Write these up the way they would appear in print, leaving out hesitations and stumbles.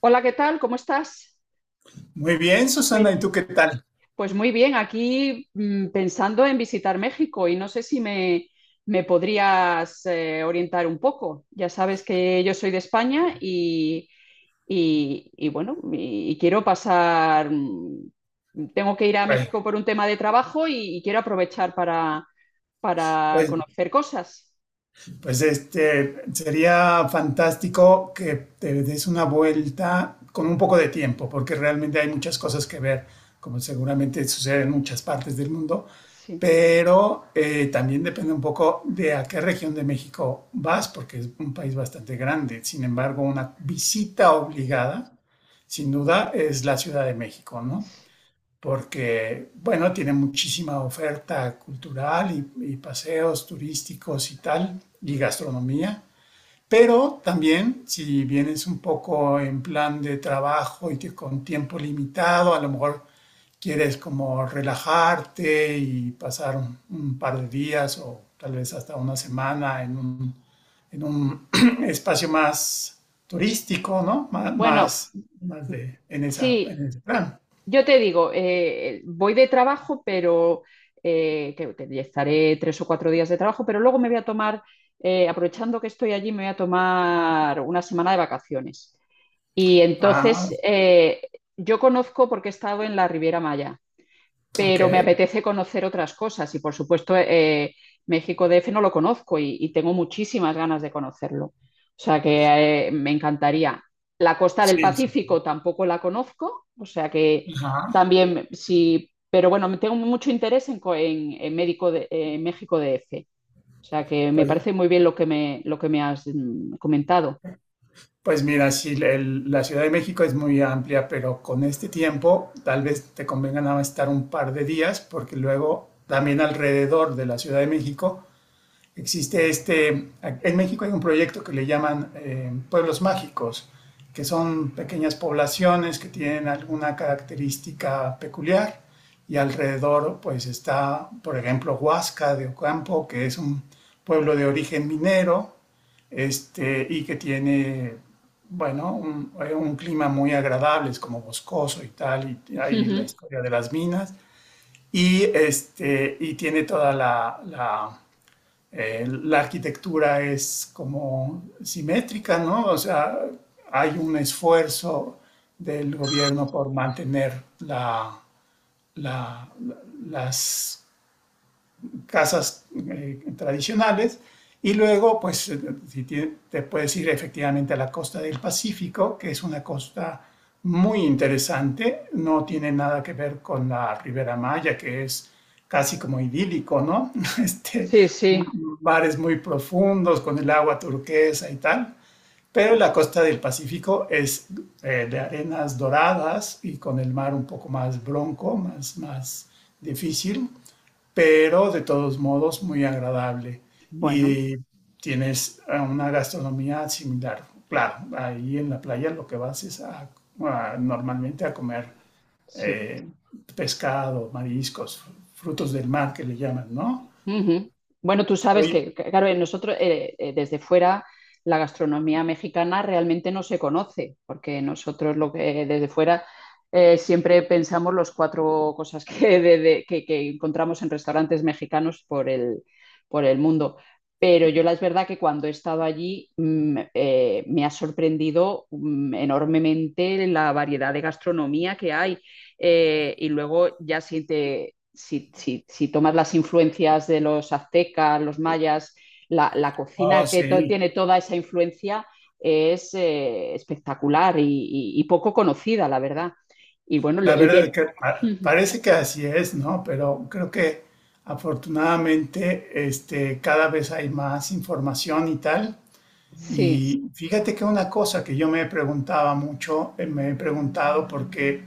Hola, ¿qué tal? ¿Cómo estás? Muy bien, Muy Susana, ¿y bien. tú qué tal? Pues muy bien, aquí pensando en visitar México y no sé si me, me podrías orientar un poco. Ya sabes que yo soy de España y, bueno, y quiero pasar, tengo que ir a Pues, México por un tema de trabajo y quiero aprovechar para pues, conocer cosas. pues este, sería fantástico que te des una vuelta con un poco de tiempo, porque realmente hay muchas cosas que ver, como seguramente sucede en muchas partes del mundo, Sí. pero también depende un poco de a qué región de México vas, porque es un país bastante grande. Sin embargo, una visita obligada, sin duda, es la Ciudad de México, ¿no? Porque, bueno, tiene muchísima oferta cultural y paseos turísticos y tal, y gastronomía. Pero también, si vienes un poco en plan de trabajo y que con tiempo limitado, a lo mejor quieres como relajarte y pasar un par de días o tal vez hasta una semana en un espacio más turístico, ¿no? Bueno, Más, más, mm, de, en, esa, sí, en ese plan. yo te digo, voy de trabajo, pero que estaré 3 o 4 días de trabajo, pero luego me voy a tomar, aprovechando que estoy allí, me voy a tomar una semana de vacaciones. Y Ah, entonces yo conozco porque he estado en la Riviera Maya, ok. pero me apetece conocer otras cosas y por supuesto México DF no lo conozco y, tengo muchísimas ganas de conocerlo. O sea que me encantaría. La costa del Sí, sí. Pacífico tampoco la conozco, o sea que Ajá. también sí, pero bueno, tengo mucho interés en, en, médico de, en México DF. O sea que me Pues, parece muy bien lo que me has comentado. pues mira, sí, la Ciudad de México es muy amplia, pero con este tiempo tal vez te convenga nada más estar un par de días, porque luego también alrededor de la Ciudad de México existe este, en México hay un proyecto que le llaman pueblos mágicos, que son pequeñas poblaciones que tienen alguna característica peculiar y alrededor pues está, por ejemplo, Huasca de Ocampo, que es un pueblo de origen minero este, y que tiene, bueno, un clima muy agradable, es como boscoso y tal, y hay la historia de las minas, y, este, y tiene toda la, la la arquitectura es como simétrica, ¿no? O sea, hay un esfuerzo del gobierno por mantener la, la- la- las casas tradicionales. Y luego, pues, si te, te, puedes ir efectivamente a la costa del Pacífico, que es una costa muy interesante, no tiene nada que ver con la Ribera Maya, que es casi como idílico, ¿no? Este, Sí, sí, bares muy profundos con el agua turquesa y tal, pero la costa del Pacífico es de arenas doradas y con el mar un poco más bronco, más, más difícil pero de todos modos muy agradable. bueno, Y tienes una gastronomía similar. Claro, ahí en la playa lo que vas es a, normalmente a comer sí. eh, pescado, mariscos, frutos del mar que le llaman, ¿no? Ujú. Bueno, tú sabes Oye, que, claro, en nosotros desde fuera la gastronomía mexicana realmente no se conoce, porque nosotros lo que desde fuera siempre pensamos los cuatro cosas que, que encontramos en restaurantes mexicanos por el mundo. Pero yo la es verdad que cuando he estado allí me ha sorprendido enormemente la variedad de gastronomía que hay. Y luego ya siente si, si, si tomas las influencias de los aztecas, los mayas, la cocina oh, que to sí, tiene toda esa influencia es espectacular y, poco conocida, la verdad. Y bueno, lo- la y verdad tiene- que parece que así es, ¿no? Pero creo que afortunadamente este, cada vez hay más información y tal. sí, Y fíjate que una cosa que yo me preguntaba mucho, me he preguntado porque,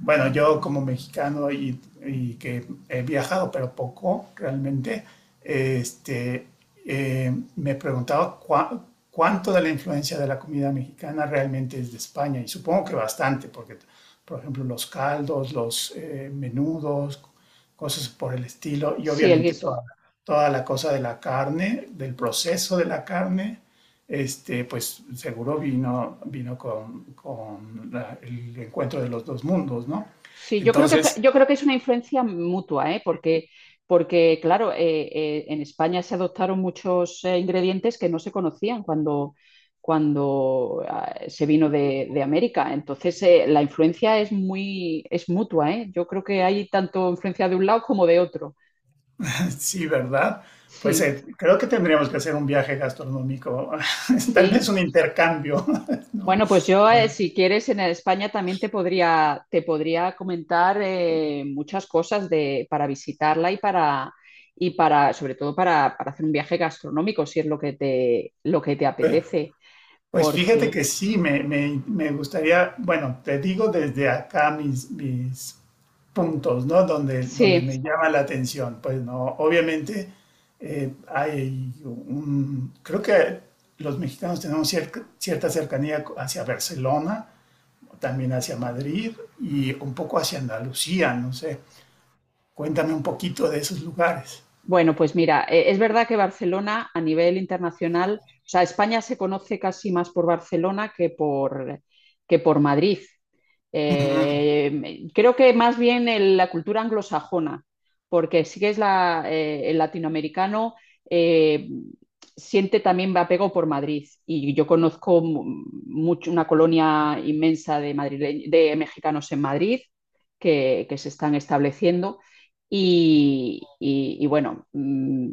bueno, yo como mexicano y que he viajado, pero poco realmente, este, me preguntaba cuánto de la influencia de la comida mexicana realmente es de España. Y supongo que bastante, porque, por ejemplo, los caldos, los menudos, cosas por el estilo, y sí, el obviamente guiso. toda, toda la cosa de la carne, del proceso de la carne este, pues seguro vino con el encuentro de los dos mundos, ¿no? Sí, yo creo que fue- Entonces, yo creo que es una influencia mutua, ¿eh? Porque, porque claro, en España se adoptaron muchos ingredientes que no se conocían cuando, cuando se vino de América. Entonces, la influencia es muy, es mutua, ¿eh? Yo creo que hay tanto influencia de un lado como de otro. sí, ¿verdad? Pues Sí, creo que tendríamos que hacer un viaje gastronómico, tal vez sí. un intercambio, ¿no? Bueno, pues yo, si quieres, en España también te podría comentar muchas cosas de, para visitarla y para, sobre todo para hacer un viaje gastronómico, si es lo que te Pues apetece. pues fíjate Porque, que sí, me, me gustaría, bueno, te digo desde acá mis, mis puntos, ¿no? Donde, donde sí. me llama la atención. Pues no, obviamente hay un, creo que los mexicanos tenemos cierta cercanía hacia Barcelona, también hacia Madrid y un poco hacia Andalucía, no sé. Cuéntame un poquito de esos lugares. Bueno, pues mira, es verdad que Barcelona a nivel internacional, o sea, España se conoce casi más por Barcelona que por Madrid. Creo que más bien el- la cultura anglosajona, porque sí que es la, el latinoamericano eh, siente también apego por Madrid. Y yo conozco mucho una colonia inmensa de, madrile- de mexicanos en Madrid que se están estableciendo. Y, bueno,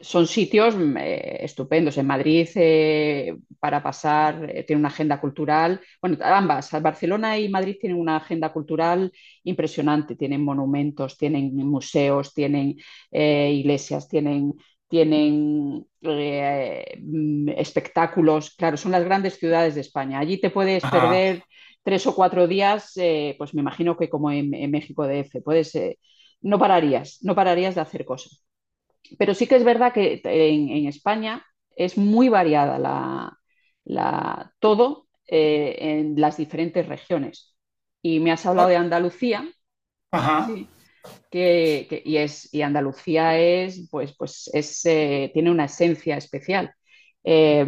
son sitios estupendos. En Madrid, para pasar, tiene una agenda cultural. Bueno, ambas, Barcelona y Madrid tienen una agenda cultural impresionante. Tienen monumentos, tienen museos, tienen iglesias, tienen, tienen espectáculos. Claro, son las grandes ciudades de España. Allí te puedes Ajá. perder 3 o 4 días, pues me imagino que como en México DF, puedes no pararías, no pararías de hacer cosas. Pero sí que es verdad que en España es muy variada la, la todo en las diferentes regiones. Y me has hablado O- de Andalucía, Ajá. sí, que y, es, y Andalucía es, pues, pues es, tiene una esencia especial. Eh,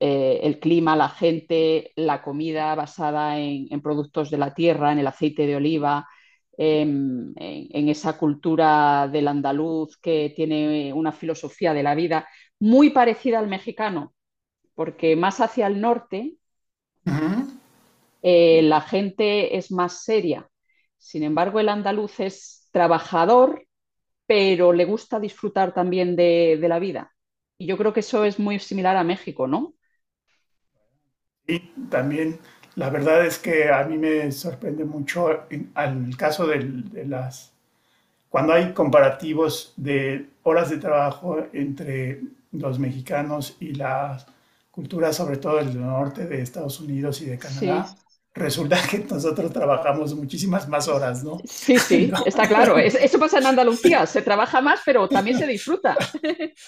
el clima, la gente, la comida basada en, productos de la tierra, en el aceite de oliva, en, esa cultura del andaluz que tiene una filosofía de la vida muy parecida al mexicano, porque más hacia el norte Ujú. La gente es más seria. Sin embargo, el andaluz es trabajador, pero le gusta disfrutar también de la vida. Y yo creo que eso es muy similar a México, ¿no? Y también la verdad es que a mí me sorprende mucho al caso de las cuando hay comparativos de horas de trabajo entre los mexicanos y las culturas, sobre todo del norte de Estados Unidos y de Sí. Canadá, resulta que nosotros trabajamos muchísimas más horas, ¿no? Sí, sí, Ento- está claro. Es- eso pasa en Andalucía. Se trabaja más, pero también se disfruta.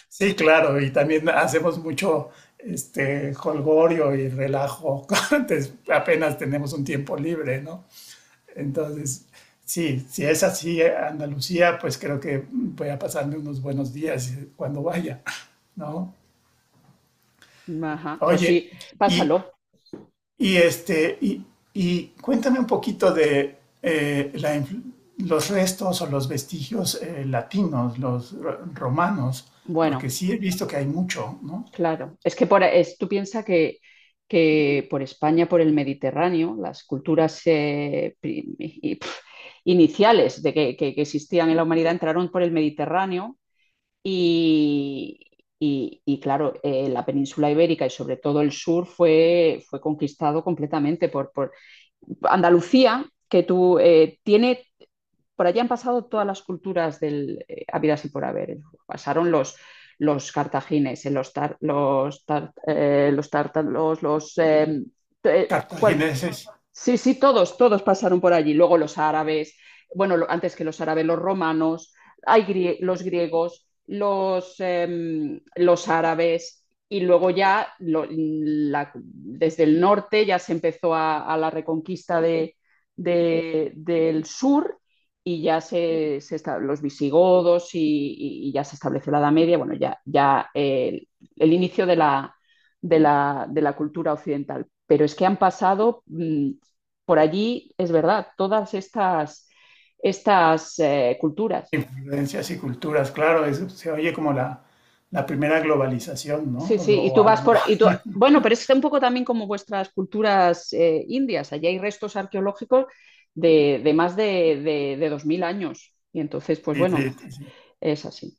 sí, claro, y también hacemos mucho este jolgorio y relajo. Antes apenas tenemos un tiempo libre, ¿no? Entonces, sí, si es así Andalucía, pues creo que voy a pasarme unos buenos días cuando vaya, ¿no? Ajá, pues Oye, sí, y, pásalo. y este, y cuéntame un poquito de la los restos o los vestigios latinos, los romanos, porque Bueno, sí he visto que hay mucho, ¿no? claro. Es que por, es, tú piensas que por España, por el Mediterráneo, las culturas pri- y- pf, iniciales de que existían en la humanidad entraron por el Mediterráneo y, claro, la península ibérica y sobre todo el sur fue, fue conquistado completamente. Andalucía, que tú tiene, por allí han pasado todas las culturas del habidas y por haber. Pasaron los cartagines, los, tar, los, tar, los tártaros, los... Cual, Cartagineses, sí, sí, todos, todos pasaron por allí. Luego los árabes, bueno, lo- antes que los árabes, los romanos, hay grie- los griegos, los, los árabes, y luego ya lo- la- desde el norte ya se empezó a la reconquista de- del sur y ya se esta- los visigodos y, ya se estableció la Edad Media, bueno, ya, ya el inicio de la, de la, de la cultura occidental. Pero es que han pasado por allí es verdad, todas estas, estas culturas. influencias y culturas, claro, eso se oye como la primera globalización, ¿no? Sí, sí, y O tú a lo vas mejor, por... Y tú, bueno, pero es un poco también como vuestras culturas indias. Allí hay restos arqueológicos de más de 2000 años. Y entonces, pues sí, bueno, sí, sí, es así.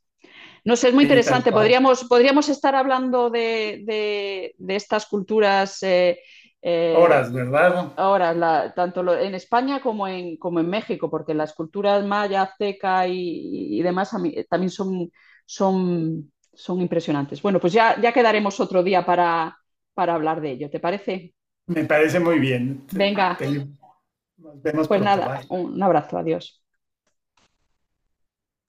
No sé, es muy sí, tal interesante. cual. Podríamos, podríamos estar hablando de, de estas culturas eh, Horas, ¿verdad? ahora, la- tanto lo- en España como en, como en México, porque las culturas maya, azteca y demás a mí, también son, son, son impresionantes. Bueno, pues ya, ya quedaremos otro día para hablar de ello, ¿te parece? Me parece muy bien. Te- Venga, te- nos vemos pues pronto, nada, bye. un abrazo, adiós.